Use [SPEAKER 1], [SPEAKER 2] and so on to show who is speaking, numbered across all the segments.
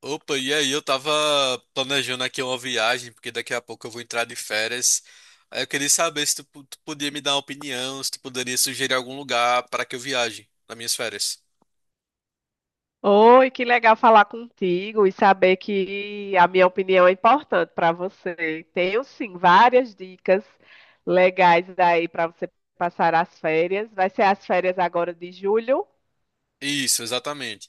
[SPEAKER 1] Opa, e aí? Eu tava planejando aqui uma viagem, porque daqui a pouco eu vou entrar de férias. Aí eu queria saber se tu podia me dar uma opinião, se tu poderia sugerir algum lugar para que eu viaje nas minhas férias.
[SPEAKER 2] Oi, que legal falar contigo e saber que a minha opinião é importante para você. Tenho sim várias dicas legais aí para você passar as férias. Vai ser as férias agora de julho.
[SPEAKER 1] Isso, exatamente.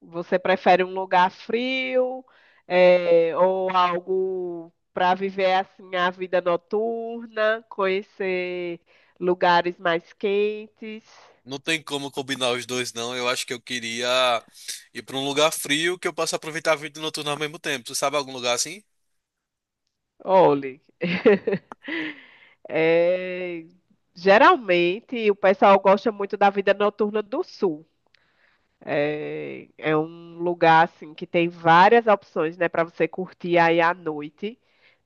[SPEAKER 2] Você prefere um lugar frio, ou algo para viver assim a vida noturna, conhecer lugares mais quentes?
[SPEAKER 1] Não tem como combinar os dois, não. Eu acho que eu queria ir para um lugar frio que eu possa aproveitar a vida noturna ao mesmo tempo. Tu sabe algum lugar assim?
[SPEAKER 2] Olhe. É, geralmente o pessoal gosta muito da vida noturna do sul. É um lugar assim que tem várias opções, né, para você curtir aí à noite,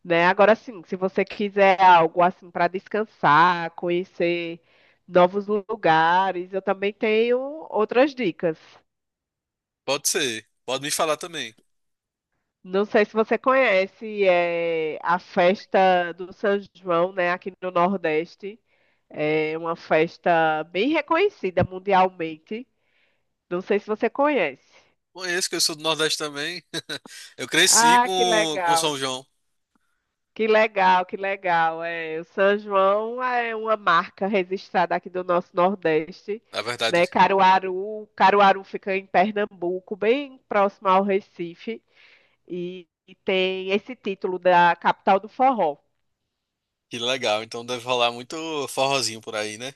[SPEAKER 2] né? Agora sim, se você quiser algo assim para descansar, conhecer novos lugares, eu também tenho outras dicas.
[SPEAKER 1] Pode ser. Pode me falar também.
[SPEAKER 2] Não sei se você conhece, é a festa do São João, né, aqui no Nordeste. É uma festa bem reconhecida mundialmente. Não sei se você conhece.
[SPEAKER 1] Conheço que eu sou do Nordeste também. Eu cresci
[SPEAKER 2] Ah, que
[SPEAKER 1] com São
[SPEAKER 2] legal.
[SPEAKER 1] João.
[SPEAKER 2] Que legal, que legal. É, o São João é uma marca registrada aqui do nosso Nordeste,
[SPEAKER 1] Na verdade,
[SPEAKER 2] né? Caruaru fica em Pernambuco, bem próximo ao Recife, e tem esse título da capital do forró.
[SPEAKER 1] que legal. Então deve rolar muito forrozinho por aí, né?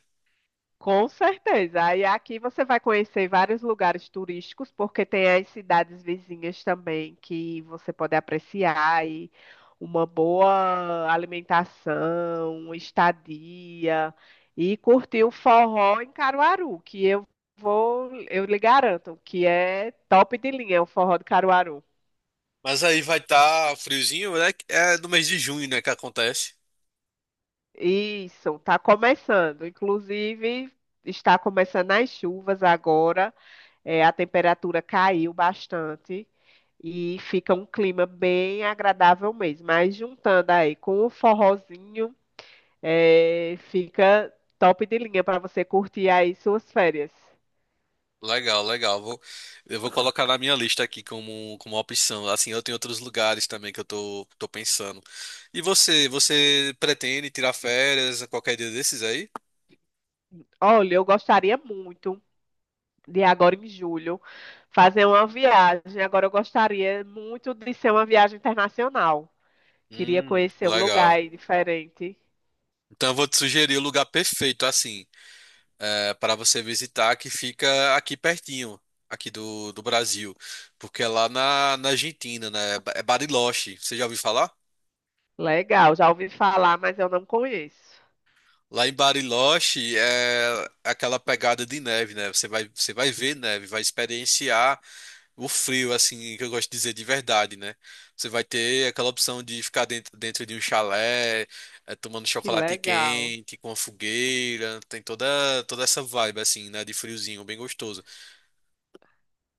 [SPEAKER 2] Com certeza. Aí aqui você vai conhecer vários lugares turísticos, porque tem as cidades vizinhas também que você pode apreciar e uma boa alimentação, estadia e curtir o forró em Caruaru, que eu lhe garanto que é top de linha o forró de Caruaru.
[SPEAKER 1] Mas aí vai estar friozinho, né? É do mês de junho, né, que acontece.
[SPEAKER 2] Isso, está começando. Inclusive, está começando as chuvas agora. É, a temperatura caiu bastante e fica um clima bem agradável mesmo. Mas juntando aí com o forrozinho, fica top de linha para você curtir aí suas férias.
[SPEAKER 1] Legal, legal. Eu vou colocar na minha lista aqui como opção. Assim, eu tenho outros lugares também que eu tô pensando. E você pretende tirar férias a qualquer dia desses aí?
[SPEAKER 2] Olha, eu gostaria muito de agora em julho fazer uma viagem. Agora eu gostaria muito de ser uma viagem internacional. Queria conhecer um lugar
[SPEAKER 1] Legal.
[SPEAKER 2] aí diferente.
[SPEAKER 1] Então eu vou te sugerir o lugar perfeito, assim, para você visitar, que fica aqui pertinho, aqui do Brasil. Porque é lá na Argentina, né? É Bariloche. Você já ouviu falar?
[SPEAKER 2] Legal, já ouvi falar, mas eu não conheço.
[SPEAKER 1] Lá em Bariloche é aquela pegada de neve, né? Você vai ver neve, vai experienciar o frio, assim, que eu gosto de dizer de verdade, né? Você vai ter aquela opção de ficar dentro de um chalé, tomando
[SPEAKER 2] Que
[SPEAKER 1] chocolate
[SPEAKER 2] legal.
[SPEAKER 1] quente, com a fogueira, toda essa vibe, assim, né? De friozinho, bem gostoso.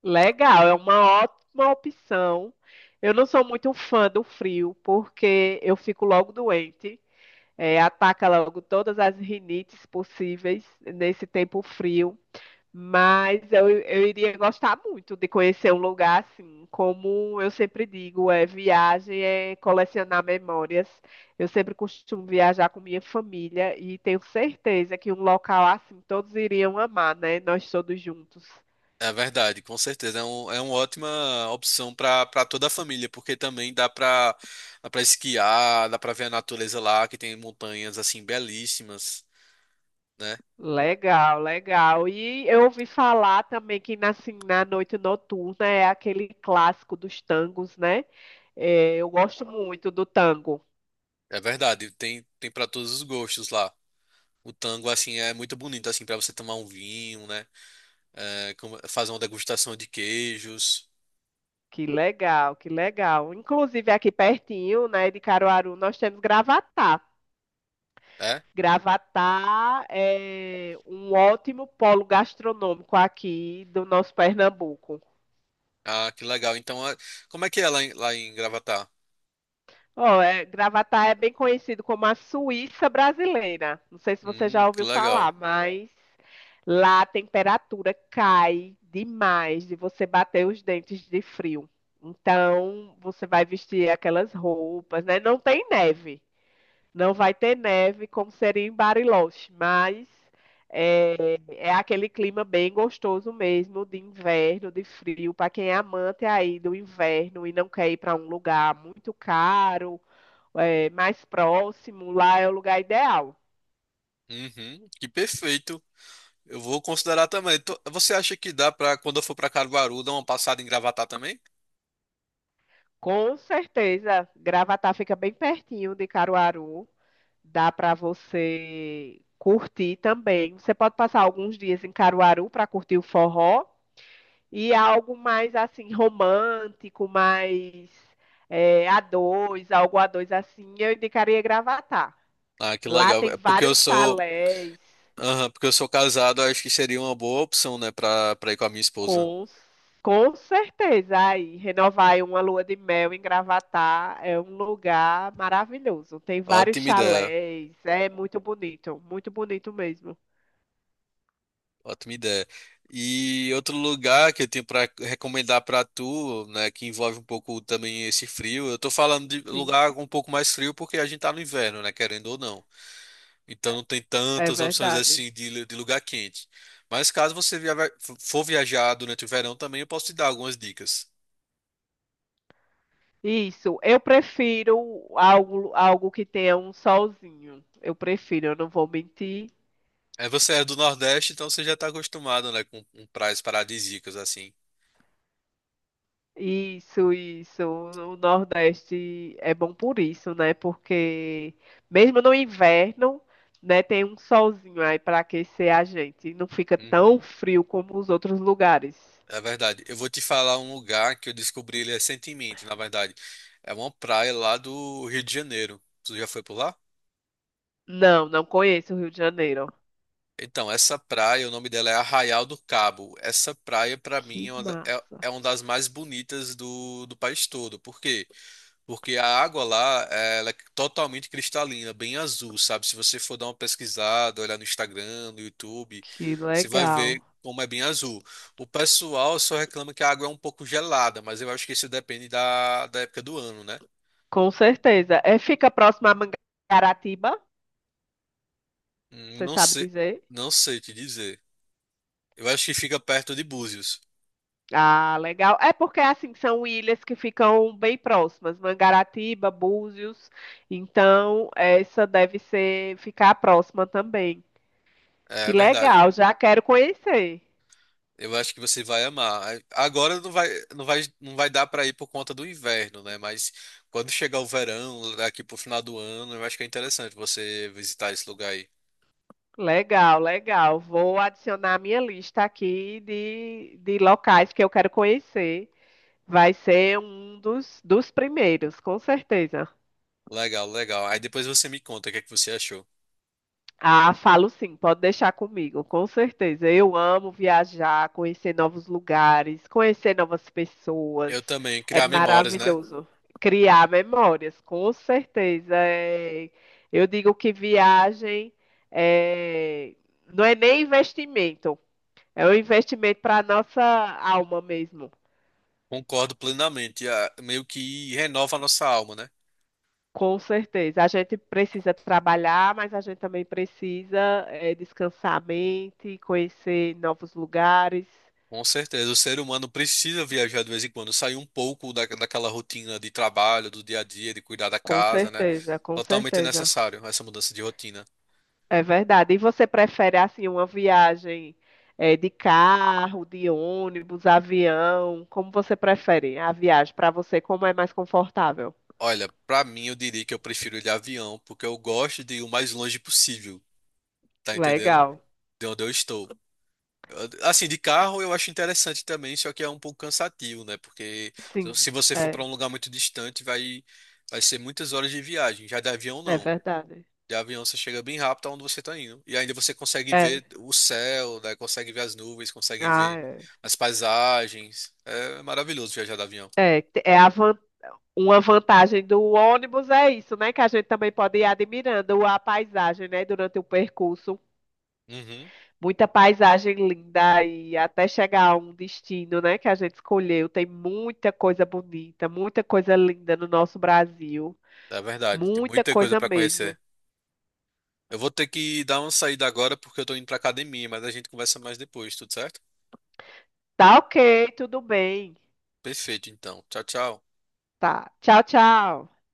[SPEAKER 2] Legal, é uma ótima opção. Eu não sou muito fã do frio, porque eu fico logo doente, ataca logo todas as rinites possíveis nesse tempo frio. Mas eu iria gostar muito de conhecer um lugar assim. Como eu sempre digo, é viagem é colecionar memórias. Eu sempre costumo viajar com minha família e tenho certeza que um local assim todos iriam amar, né? Nós todos juntos.
[SPEAKER 1] É verdade, com certeza. É uma ótima opção para para toda a família, porque também dá para esquiar, dá para ver a natureza lá, que tem montanhas, assim, belíssimas, né?
[SPEAKER 2] Legal, legal. E eu ouvi falar também que na, assim, na noite noturna é aquele clássico dos tangos, né? É, eu gosto muito do tango.
[SPEAKER 1] É verdade, tem para todos os gostos lá. O tango, assim, é muito bonito, assim, para você tomar um vinho, né? Fazer uma degustação de queijos.
[SPEAKER 2] Que legal, que legal. Inclusive aqui pertinho, né, de Caruaru, nós temos Gravatá.
[SPEAKER 1] É?
[SPEAKER 2] Gravatá é um ótimo polo gastronômico aqui do nosso Pernambuco.
[SPEAKER 1] Ah, que legal. Então, é- como é que é lá lá em Gravatá?
[SPEAKER 2] Ó, é, Gravatá é bem conhecido como a Suíça brasileira. Não sei se você já
[SPEAKER 1] Que
[SPEAKER 2] ouviu
[SPEAKER 1] legal.
[SPEAKER 2] falar, mas lá a temperatura cai demais de você bater os dentes de frio. Então, você vai vestir aquelas roupas, né? Não tem neve. Não vai ter neve como seria em Bariloche, mas é aquele clima bem gostoso mesmo de inverno, de frio, para quem é amante aí do inverno e não quer ir para um lugar muito caro mais próximo, lá é o lugar ideal.
[SPEAKER 1] Uhum, que perfeito. Eu vou considerar também. Tô- Você acha que dá pra, quando eu for pra Caruaru, dar uma passada em Gravatá também?
[SPEAKER 2] Com certeza, Gravatá fica bem pertinho de Caruaru, dá para você curtir também. Você pode passar alguns dias em Caruaru para curtir o forró e algo mais assim romântico, a dois algo a dois, assim, eu indicaria Gravatá.
[SPEAKER 1] Ah, que
[SPEAKER 2] Lá
[SPEAKER 1] legal.
[SPEAKER 2] tem vários chalés.
[SPEAKER 1] Porque eu sou casado, acho que seria uma boa opção, né, pra ir com a minha esposa.
[SPEAKER 2] Com, com certeza. Aí, renovar uma lua de mel em Gravatá é um lugar maravilhoso. Tem vários
[SPEAKER 1] Ótima ideia.
[SPEAKER 2] chalés, é muito bonito mesmo.
[SPEAKER 1] Ótima ideia. E outro lugar que eu tenho para recomendar para tu, né, que envolve um pouco também esse frio. Eu tô falando de
[SPEAKER 2] Sim,
[SPEAKER 1] lugar um pouco mais frio porque a gente tá no inverno, né, querendo ou não. Então não tem
[SPEAKER 2] é
[SPEAKER 1] tantas opções
[SPEAKER 2] verdade.
[SPEAKER 1] assim de lugar quente. Mas for viajar durante o verão também, eu posso te dar algumas dicas.
[SPEAKER 2] Isso, eu prefiro algo, algo que tenha um solzinho. Eu prefiro, eu não vou mentir.
[SPEAKER 1] É, você é do Nordeste, então você já tá acostumado, né, com praias paradisíacas assim.
[SPEAKER 2] Isso, isso. O Nordeste é bom por isso, né? Porque mesmo no inverno, né, tem um solzinho aí para aquecer a gente. E não fica tão
[SPEAKER 1] Uhum.
[SPEAKER 2] frio como os outros lugares.
[SPEAKER 1] É verdade. Eu vou te falar um lugar que eu descobri ele recentemente, na verdade. É uma praia lá do Rio de Janeiro. Tu já foi por lá?
[SPEAKER 2] Não, não conheço o Rio de Janeiro.
[SPEAKER 1] Então, essa praia, o nome dela é Arraial do Cabo. Essa praia, pra mim,
[SPEAKER 2] Que massa.
[SPEAKER 1] é uma das mais bonitas do país todo. Porque Porque a água lá, ela é totalmente cristalina, bem azul, sabe? Se você for dar uma pesquisada, olhar no Instagram, no YouTube,
[SPEAKER 2] Que
[SPEAKER 1] você vai
[SPEAKER 2] legal.
[SPEAKER 1] ver como é bem azul. O pessoal só reclama que a água é um pouco gelada, mas eu acho que isso depende da época do ano, né?
[SPEAKER 2] Com certeza. É, fica próximo a Mangaratiba, você
[SPEAKER 1] Não
[SPEAKER 2] sabe
[SPEAKER 1] sei,
[SPEAKER 2] dizer?
[SPEAKER 1] não sei te dizer. Eu acho que fica perto de Búzios.
[SPEAKER 2] Ah, legal. É porque assim são ilhas que ficam bem próximas, Mangaratiba, Búzios. Então, essa deve ser ficar próxima também. Que
[SPEAKER 1] É verdade.
[SPEAKER 2] legal, já quero conhecer.
[SPEAKER 1] Eu acho que você vai amar. Agora não vai dar para ir por conta do inverno, né? Mas quando chegar o verão, aqui pro final do ano, eu acho que é interessante você visitar esse lugar aí.
[SPEAKER 2] Legal, legal. Vou adicionar a minha lista aqui de locais que eu quero conhecer. Vai ser um dos primeiros, com certeza.
[SPEAKER 1] Legal, legal. Aí depois você me conta o que é que você achou.
[SPEAKER 2] Ah, falo sim, pode deixar comigo, com certeza. Eu amo viajar, conhecer novos lugares, conhecer novas pessoas.
[SPEAKER 1] Eu também,
[SPEAKER 2] É
[SPEAKER 1] criar memórias, né?
[SPEAKER 2] maravilhoso. Criar memórias, com certeza. É, eu digo que é, não é nem investimento, é um investimento para a nossa alma mesmo.
[SPEAKER 1] Concordo plenamente. Ah, meio que renova a nossa alma, né?
[SPEAKER 2] Com certeza. A gente precisa trabalhar, mas a gente também descansar a mente, conhecer novos lugares.
[SPEAKER 1] Com certeza. O ser humano precisa viajar de vez em quando, sair um pouco daquela rotina de trabalho, do dia a dia, de cuidar da
[SPEAKER 2] Com
[SPEAKER 1] casa, né?
[SPEAKER 2] certeza, com
[SPEAKER 1] Totalmente
[SPEAKER 2] certeza.
[SPEAKER 1] necessário essa mudança de rotina.
[SPEAKER 2] É verdade. E você prefere assim uma viagem de carro, de ônibus, avião? Como você prefere a viagem para você? Como é mais confortável?
[SPEAKER 1] Olha, pra mim eu diria que eu prefiro ir de avião, porque eu gosto de ir o mais longe possível, tá entendendo?
[SPEAKER 2] Legal.
[SPEAKER 1] De onde eu estou. Eu- Assim, de carro eu acho interessante também, só que é um pouco cansativo, né? Porque
[SPEAKER 2] Sim,
[SPEAKER 1] se você for pra
[SPEAKER 2] é,
[SPEAKER 1] um lugar muito distante, vai ser muitas horas de viagem. Já de avião
[SPEAKER 2] é
[SPEAKER 1] não.
[SPEAKER 2] verdade.
[SPEAKER 1] De avião você chega bem rápido aonde você tá indo. E ainda você consegue
[SPEAKER 2] É.
[SPEAKER 1] ver o céu, né? Consegue ver as nuvens, consegue
[SPEAKER 2] Ah,
[SPEAKER 1] ver
[SPEAKER 2] é.
[SPEAKER 1] as paisagens. É maravilhoso viajar de avião.
[SPEAKER 2] É, te- é a van- uma vantagem do ônibus é isso, né? Que a gente também pode ir admirando a paisagem, né? Durante o percurso.
[SPEAKER 1] Uhum,
[SPEAKER 2] Muita paisagem linda e até chegar a um destino, né, que a gente escolheu. Tem muita coisa bonita, muita coisa linda no nosso Brasil.
[SPEAKER 1] é verdade. Tem
[SPEAKER 2] Muita
[SPEAKER 1] muita coisa
[SPEAKER 2] coisa
[SPEAKER 1] pra conhecer.
[SPEAKER 2] mesmo.
[SPEAKER 1] Eu vou ter que dar uma saída agora porque eu tô indo pra academia, mas a gente conversa mais depois, tudo certo?
[SPEAKER 2] Tá, ok, tudo bem.
[SPEAKER 1] Perfeito, então. Tchau, tchau.
[SPEAKER 2] Tá. Tchau, tchau.